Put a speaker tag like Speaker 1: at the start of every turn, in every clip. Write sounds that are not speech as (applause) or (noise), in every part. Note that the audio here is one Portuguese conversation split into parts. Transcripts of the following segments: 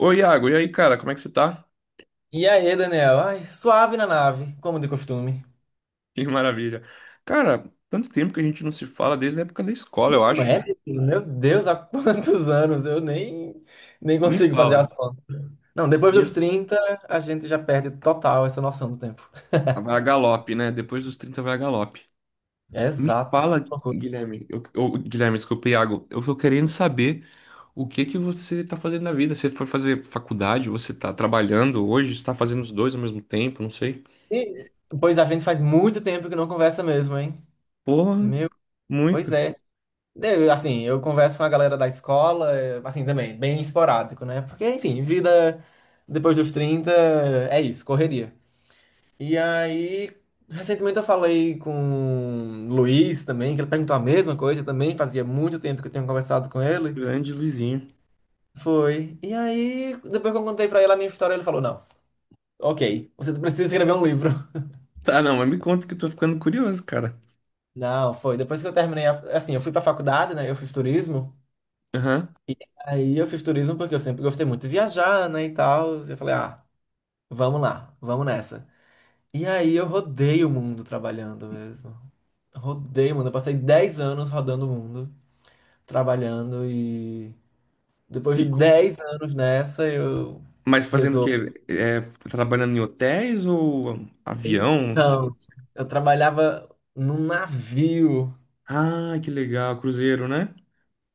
Speaker 1: Oi, Iago, e aí, cara, como é que você tá? (laughs)
Speaker 2: E aí, Daniel? Ai, suave na nave, como de costume.
Speaker 1: Que maravilha. Cara, tanto tempo que a gente não se fala, desde a época da escola, eu
Speaker 2: Não
Speaker 1: acho.
Speaker 2: é, meu filho? Meu Deus, há quantos anos eu nem
Speaker 1: Me
Speaker 2: consigo fazer
Speaker 1: fala.
Speaker 2: as contas. Não, depois dos
Speaker 1: Gu-
Speaker 2: 30 a gente já perde total essa noção do tempo.
Speaker 1: Vai a galope, né? Depois dos 30 vai a galope. Me
Speaker 2: Exato.
Speaker 1: fala,
Speaker 2: Que loucura.
Speaker 1: Guilherme, eu- Guilherme, desculpa, Iago, eu tô querendo saber o que que você tá fazendo na vida. Você foi fazer faculdade, você tá trabalhando hoje, você tá fazendo os dois ao mesmo tempo, não sei.
Speaker 2: E, pois a gente faz muito tempo que não conversa mesmo, hein?
Speaker 1: Porra,
Speaker 2: Meu, pois
Speaker 1: muito.
Speaker 2: é. Eu, assim, eu converso com a galera da escola, assim, também, bem esporádico, né? Porque, enfim, vida depois dos 30 é isso, correria. E aí, recentemente eu falei com o Luiz também, que ele perguntou a mesma coisa também, fazia muito tempo que eu tinha conversado com ele.
Speaker 1: Grande Luizinho.
Speaker 2: Foi. E aí, depois que eu contei pra ele a minha história, ele falou: Não, ok, você precisa escrever um livro.
Speaker 1: Tá, não, mas me conta que eu tô ficando curioso, cara.
Speaker 2: (laughs) Não, foi. Depois que eu terminei, assim, eu fui pra faculdade, né? Eu fiz turismo.
Speaker 1: Aham.
Speaker 2: Aí eu fiz turismo porque eu sempre gostei muito de viajar, né? E tal. E eu falei: Ah, vamos lá, vamos nessa. E aí eu rodei o mundo trabalhando mesmo. Rodei o mundo. Eu passei 10 anos rodando o mundo, trabalhando e depois de 10 anos nessa, eu
Speaker 1: Mas fazendo o
Speaker 2: resolvi.
Speaker 1: quê? É, trabalhando em hotéis ou avião?
Speaker 2: Então, eu trabalhava num navio.
Speaker 1: Ah, que legal, cruzeiro, né?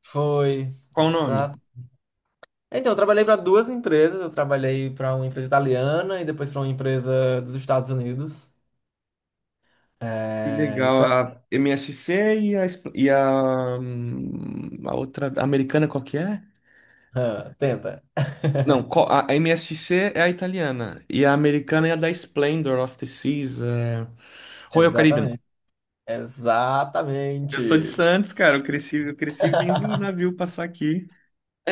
Speaker 2: Foi,
Speaker 1: Qual o nome?
Speaker 2: exato. Então, eu trabalhei para duas empresas. Eu trabalhei para uma empresa italiana e depois para uma empresa dos Estados Unidos.
Speaker 1: Que
Speaker 2: É, e
Speaker 1: legal,
Speaker 2: foi assim.
Speaker 1: a MSC e a outra, a americana, qual que é?
Speaker 2: Ah, Tenta.
Speaker 1: Não, co-
Speaker 2: (laughs)
Speaker 1: a a MSC é a italiana e a americana é a da Splendor of the Seas, é... Royal Caribbean.
Speaker 2: Exatamente.
Speaker 1: Eu sou de
Speaker 2: Exatamente.
Speaker 1: Santos, cara, eu cresci vendo o navio passar aqui.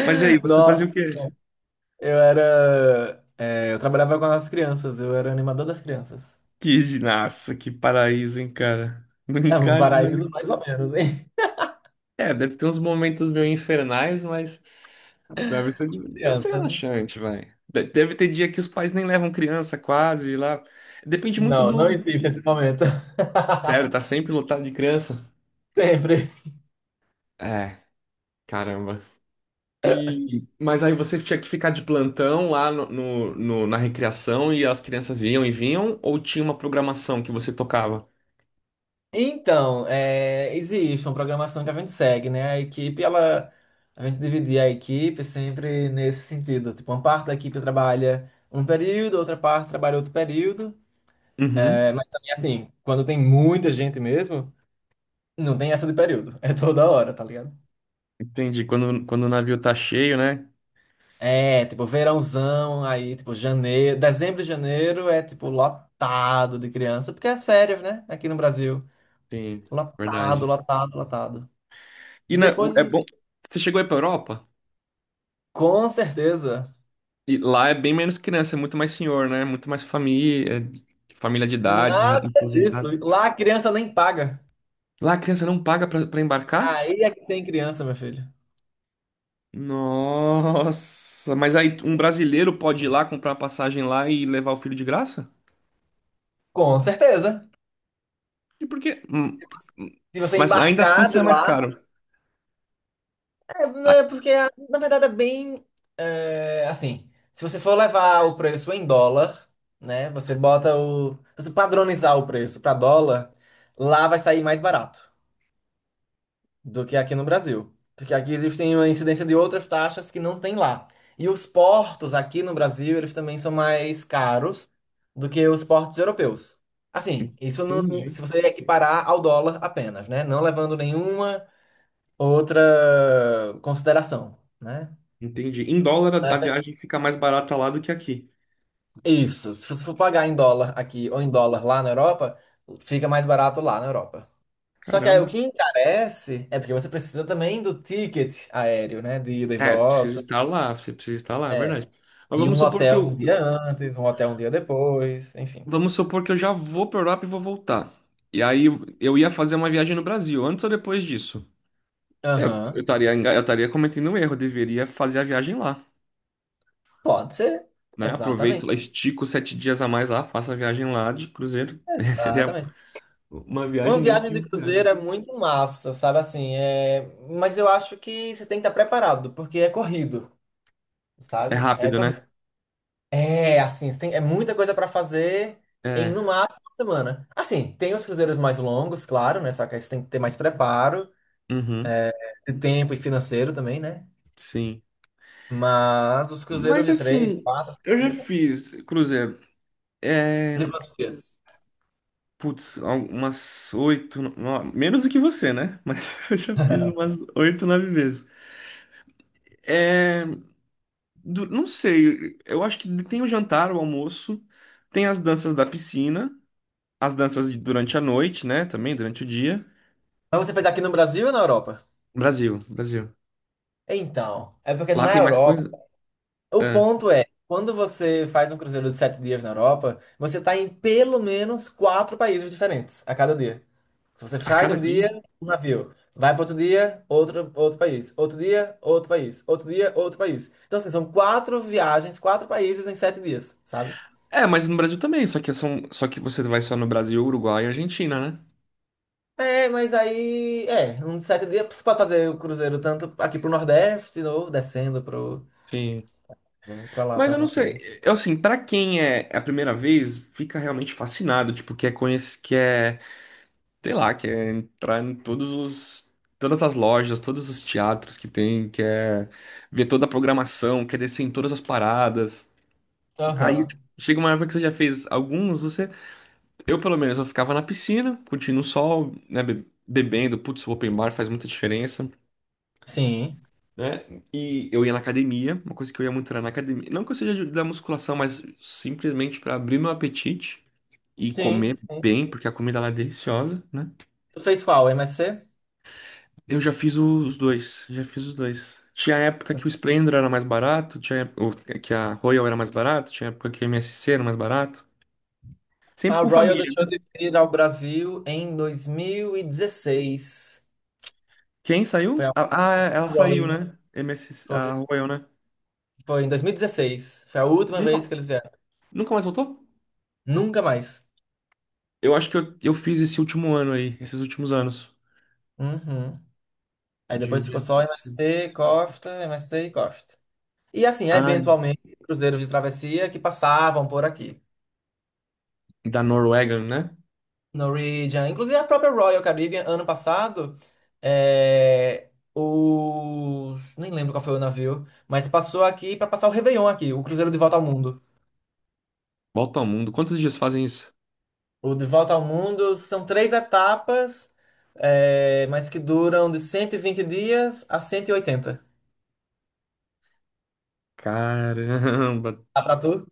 Speaker 1: Mas e aí, você fazia o
Speaker 2: Nossa,
Speaker 1: quê?
Speaker 2: eu era. Eu trabalhava com as crianças, eu era animador das crianças.
Speaker 1: Que, nossa, que paraíso, hein, cara?
Speaker 2: É um
Speaker 1: Brincar.
Speaker 2: paraíso mais ou menos, hein?
Speaker 1: É, deve ter uns momentos meio infernais, mas deve ser,
Speaker 2: (laughs)
Speaker 1: deve ser
Speaker 2: Criança, né?
Speaker 1: relaxante, vai. Deve ter dia que os pais nem levam criança quase lá. Depende muito
Speaker 2: Não, não
Speaker 1: do.
Speaker 2: existe esse momento. (laughs)
Speaker 1: Sério, tá sempre lotado de criança?
Speaker 2: Sempre.
Speaker 1: É, caramba. E, mas aí você tinha que ficar de plantão lá na recreação e as crianças iam e vinham? Ou tinha uma programação que você tocava?
Speaker 2: Então, é, existe uma programação que a gente segue, né? A equipe, ela, a gente dividia a equipe sempre nesse sentido. Tipo, uma parte da equipe trabalha um período, outra parte trabalha outro período.
Speaker 1: Uhum,
Speaker 2: É, mas também, assim, quando tem muita gente mesmo, não tem essa de período. É toda hora, tá ligado?
Speaker 1: entendi. Quando o navio tá cheio, né?
Speaker 2: É, tipo, verãozão, aí, tipo, janeiro, dezembro e janeiro é, tipo, lotado de criança, porque é as férias, né? Aqui no Brasil.
Speaker 1: Sim,
Speaker 2: Lotado,
Speaker 1: verdade.
Speaker 2: lotado, lotado. Depois,
Speaker 1: É bom. Você chegou aí pra Europa?
Speaker 2: com certeza,
Speaker 1: E lá é bem menos criança, é muito mais senhor, né? Muito mais família, família de idade,
Speaker 2: nada disso.
Speaker 1: aposentada.
Speaker 2: Lá a criança nem paga.
Speaker 1: Lá a criança não paga pra embarcar?
Speaker 2: Aí é que tem criança, meu filho.
Speaker 1: Nossa, mas aí um brasileiro pode ir lá comprar uma passagem lá e levar o filho de graça?
Speaker 2: Com certeza.
Speaker 1: E por quê? Hum,
Speaker 2: Se você
Speaker 1: Mas ainda assim
Speaker 2: embarcar de
Speaker 1: sai mais
Speaker 2: lá,
Speaker 1: caro.
Speaker 2: é,
Speaker 1: Ah,
Speaker 2: né, porque, na verdade, é bem. Assim, se você for levar o preço em dólar, né? Você bota o. Se você padronizar o preço para dólar, lá vai sair mais barato do que aqui no Brasil. Porque aqui existem uma incidência de outras taxas que não tem lá. E os portos aqui no Brasil, eles também são mais caros do que os portos europeus. Assim, isso não,
Speaker 1: entendi.
Speaker 2: se você equiparar ao dólar apenas, né? Não levando nenhuma outra consideração, né?
Speaker 1: Entendi. Em dólar a viagem fica mais barata lá do que aqui.
Speaker 2: Isso. Se você for pagar em dólar aqui ou em dólar lá na Europa, fica mais barato lá na Europa. Só que aí o
Speaker 1: Caramba.
Speaker 2: que encarece é porque você precisa também do ticket aéreo, né? De ida e
Speaker 1: É,
Speaker 2: volta.
Speaker 1: você precisa estar lá, é
Speaker 2: É.
Speaker 1: verdade. Mas
Speaker 2: E
Speaker 1: vamos
Speaker 2: um
Speaker 1: supor que
Speaker 2: hotel um
Speaker 1: o...
Speaker 2: dia antes, um hotel um dia depois, enfim.
Speaker 1: Vamos supor que eu já vou para Europa e vou voltar. E aí eu ia fazer uma viagem no Brasil, antes ou depois disso?
Speaker 2: Aham.
Speaker 1: Eu estaria cometendo um erro, eu deveria fazer a viagem lá,
Speaker 2: Pode ser.
Speaker 1: né? Aproveito lá,
Speaker 2: Exatamente.
Speaker 1: estico sete dias a mais lá, faço a viagem lá de cruzeiro. (laughs) Seria
Speaker 2: Exatamente.
Speaker 1: uma
Speaker 2: Uma
Speaker 1: viagem dentro
Speaker 2: viagem
Speaker 1: de
Speaker 2: de
Speaker 1: uma
Speaker 2: cruzeiro
Speaker 1: viagem.
Speaker 2: é muito massa, sabe assim? É... Mas eu acho que você tem que estar preparado, porque é corrido,
Speaker 1: É
Speaker 2: sabe?
Speaker 1: rápido,
Speaker 2: É corrido.
Speaker 1: né?
Speaker 2: É, assim, tem, é muita coisa pra fazer em no
Speaker 1: É.
Speaker 2: máximo uma semana. Assim, tem os cruzeiros mais longos, claro, né? Só que aí você tem que ter mais preparo,
Speaker 1: Uhum,
Speaker 2: de tempo e financeiro também, né?
Speaker 1: sim.
Speaker 2: Mas os cruzeiros
Speaker 1: Mas
Speaker 2: de três,
Speaker 1: assim,
Speaker 2: quatro
Speaker 1: eu já
Speaker 2: dias,
Speaker 1: fiz cruzeiro.
Speaker 2: de
Speaker 1: É,
Speaker 2: quantos dias?
Speaker 1: putz, umas oito, menos do que você, né? Mas (laughs) eu já fiz umas oito, nove vezes. É, não sei, eu acho que tem o jantar, o almoço, tem as danças da piscina, durante a noite, né? Também durante o dia.
Speaker 2: Mas você fez aqui no Brasil ou na Europa?
Speaker 1: Brasil, Brasil.
Speaker 2: Então, é porque
Speaker 1: Lá
Speaker 2: na
Speaker 1: tem mais
Speaker 2: Europa.
Speaker 1: coisa?
Speaker 2: O
Speaker 1: É,
Speaker 2: ponto é, quando você faz um cruzeiro de 7 dias na Europa, você está em pelo menos quatro países diferentes a cada dia. Se você
Speaker 1: a
Speaker 2: sai de
Speaker 1: cada
Speaker 2: um
Speaker 1: dia?
Speaker 2: dia, um navio. Vai para outro dia, outro, outro país. Outro dia, outro país. Outro dia, outro país. Então, assim, são quatro viagens, quatro países em 7 dias, sabe?
Speaker 1: É, mas no Brasil também, só que você vai só no Brasil, Uruguai e Argentina, né?
Speaker 2: É, mas aí, é, uns 7 dias você pode fazer o cruzeiro tanto aqui pro Nordeste, de novo, descendo pro,
Speaker 1: Sim.
Speaker 2: né, pra lá,
Speaker 1: Mas
Speaker 2: pra
Speaker 1: eu não sei,
Speaker 2: Argentina.
Speaker 1: eu assim, pra quem é a primeira vez, fica realmente fascinado, tipo, quer conhecer, sei lá, quer entrar em todas as lojas, todos os teatros que tem, quer ver toda a programação, quer descer em todas as paradas. Aí
Speaker 2: Aham.
Speaker 1: chega uma época que você já fez alguns, você, eu pelo menos, eu ficava na piscina, curtindo o sol, né, bebendo, putz, o open bar faz muita diferença.
Speaker 2: Sim,
Speaker 1: Né? E eu ia na academia, uma coisa que eu ia muito era na academia. Não que eu seja da musculação, mas simplesmente para abrir meu apetite e
Speaker 2: sim,
Speaker 1: comer
Speaker 2: sim.
Speaker 1: bem, porque a comida lá é deliciosa, né?
Speaker 2: Tu fez qual, MSC?
Speaker 1: Eu já fiz os dois, já fiz os dois. Tinha época que o Splendor era mais barato, ou que a Royal era mais barato, tinha época que o MSC era mais barato. Sempre
Speaker 2: A
Speaker 1: com
Speaker 2: Royal
Speaker 1: família,
Speaker 2: deixou
Speaker 1: né?
Speaker 2: de vir ao Brasil em 2016.
Speaker 1: Quem
Speaker 2: Foi
Speaker 1: saiu?
Speaker 2: a
Speaker 1: É, ela saiu,
Speaker 2: Royal.
Speaker 1: né? MSC,
Speaker 2: Foi,
Speaker 1: a Royal, né?
Speaker 2: foi em 2016. Foi a última
Speaker 1: Nunca,
Speaker 2: vez que eles vieram.
Speaker 1: nunca mais voltou?
Speaker 2: Nunca mais.
Speaker 1: Eu acho que eu fiz esse último ano aí, esses últimos anos
Speaker 2: Uhum. Aí depois
Speaker 1: de
Speaker 2: ficou só
Speaker 1: MSC.
Speaker 2: MSC, Costa, MSC e Costa. E assim,
Speaker 1: Ah,
Speaker 2: eventualmente, cruzeiros de travessia que passavam por aqui.
Speaker 1: da Norwegian, né?
Speaker 2: Norwegian, inclusive a própria Royal Caribbean, ano passado, é, os... nem lembro qual foi o navio, mas passou aqui para passar o Réveillon aqui, o cruzeiro de volta ao mundo.
Speaker 1: Volta ao mundo. Quantos dias fazem isso?
Speaker 2: O De Volta ao Mundo são três etapas, é, mas que duram de 120 dias a 180.
Speaker 1: Caramba.
Speaker 2: Dá pra tu?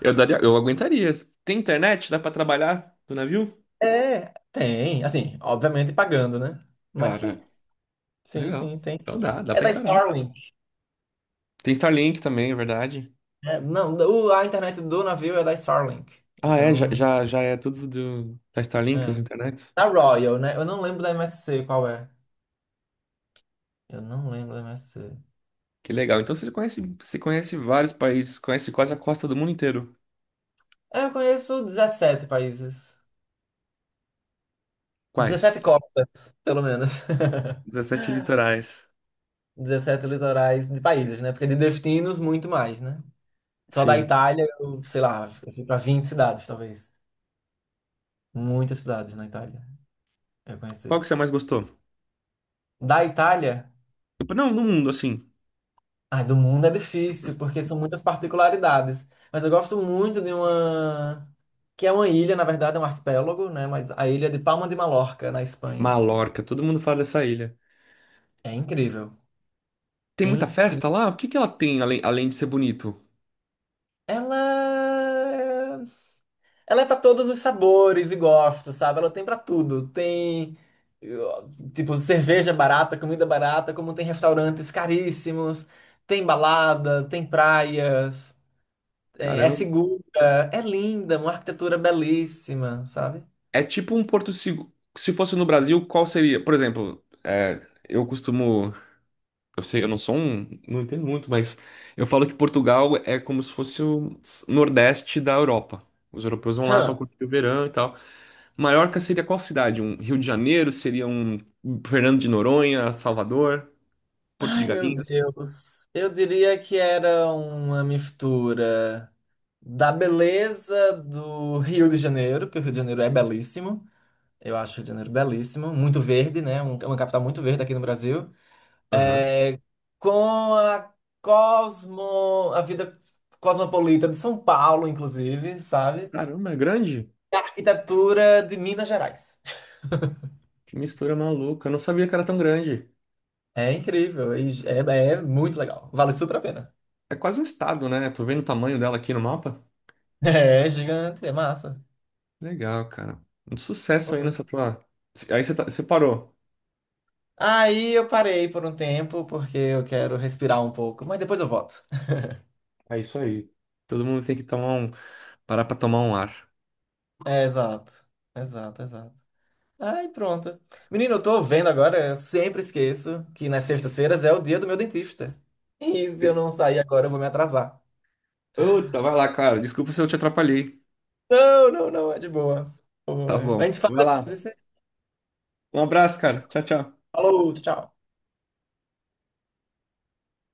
Speaker 1: Eu daria, eu aguentaria. Tem internet? Dá pra trabalhar do navio?
Speaker 2: É, tem. Assim, obviamente pagando, né? Mas sim,
Speaker 1: Claro.
Speaker 2: sim,
Speaker 1: Legal.
Speaker 2: sim, tem.
Speaker 1: Então dá, dá
Speaker 2: É
Speaker 1: pra
Speaker 2: da
Speaker 1: encarar.
Speaker 2: Starlink.
Speaker 1: Tem Starlink também, é verdade.
Speaker 2: Né? não, o- a internet do navio é da Starlink.
Speaker 1: Ah, é,
Speaker 2: Então,
Speaker 1: já é tudo do, da Starlink, as
Speaker 2: é.
Speaker 1: internets.
Speaker 2: Da Royal, né? Eu não lembro da MSC qual é. Eu não lembro da MSC.
Speaker 1: Que legal. Então você conhece vários países, conhece quase a costa do mundo inteiro.
Speaker 2: É, eu conheço 17 países. 17
Speaker 1: Quais?
Speaker 2: copas, pelo menos. (laughs)
Speaker 1: 17 litorais.
Speaker 2: 17 litorais de países, né? Porque de destinos, muito mais, né? Só da
Speaker 1: Sim.
Speaker 2: Itália, eu, sei lá, eu fui pra 20 cidades, talvez. Muitas cidades na Itália, eu
Speaker 1: Qual
Speaker 2: conheci.
Speaker 1: que você mais gostou?
Speaker 2: Da Itália,
Speaker 1: Tipo, não, no mundo, assim.
Speaker 2: ai, do mundo é difícil, porque são muitas particularidades. Mas eu gosto muito de uma... Que é uma ilha, na verdade, é um arquipélago, né? Mas a ilha de Palma de Mallorca, na Espanha.
Speaker 1: Mallorca, todo mundo fala dessa ilha.
Speaker 2: É incrível.
Speaker 1: Tem muita
Speaker 2: Incrível.
Speaker 1: festa lá? O que que ela tem além, além de ser bonito?
Speaker 2: Ela... é Ela é pra todos os sabores e gostos, sabe? Ela tem pra tudo. Tem, tipo, cerveja barata, comida barata, como tem restaurantes caríssimos, tem balada, tem praias, é
Speaker 1: Caramba.
Speaker 2: segura, é linda, uma arquitetura belíssima, sabe?
Speaker 1: É tipo um porto seguro. Se fosse no Brasil, qual seria? Por exemplo, é, eu costumo... Eu sei, eu não sou um, não entendo muito, mas eu falo que Portugal é como se fosse o Nordeste da Europa. Os europeus vão lá para
Speaker 2: Hã.
Speaker 1: curtir o verão e tal. Maiorca seria qual cidade? Um Rio de Janeiro? Seria um Fernando de Noronha, Salvador, Porto de
Speaker 2: Ai, meu
Speaker 1: Galinhas?
Speaker 2: Deus. Eu diria que era uma mistura da beleza do Rio de Janeiro, que o Rio de Janeiro é belíssimo. Eu acho o Rio de Janeiro belíssimo, muito verde, né? É uma capital muito verde aqui no Brasil.
Speaker 1: Aham.
Speaker 2: É, com a cosmo, a vida cosmopolita de São Paulo, inclusive, sabe?
Speaker 1: Caramba, é grande?
Speaker 2: A Arquitetura de Minas Gerais.
Speaker 1: Que mistura maluca. Eu não sabia que era tão grande.
Speaker 2: É incrível, e é muito legal. Vale super a pena.
Speaker 1: É quase um estado, né? Tô vendo o tamanho dela aqui no mapa.
Speaker 2: (laughs) É gigante, é massa.
Speaker 1: Legal, cara. Um sucesso aí
Speaker 2: Foi.
Speaker 1: nessa tua. Aí você você parou.
Speaker 2: Aí eu parei por um tempo, porque eu quero respirar um pouco, mas depois eu volto. (laughs)
Speaker 1: É isso aí. Todo mundo tem que tomar um, parar pra tomar um ar.
Speaker 2: É, exato, exato, exato. Ai, pronto. Menino, eu tô vendo agora, eu sempre esqueço que nas sextas-feiras é o dia do meu dentista. E se eu não sair agora, eu vou me atrasar.
Speaker 1: Outra, vai lá, cara. Desculpa se eu te atrapalhei.
Speaker 2: Não, não, não, é de boa. Pô,
Speaker 1: Tá
Speaker 2: é. A
Speaker 1: bom.
Speaker 2: gente fala
Speaker 1: Vai lá.
Speaker 2: depois.
Speaker 1: Um abraço, cara. Tchau, tchau.
Speaker 2: Falou, tchau.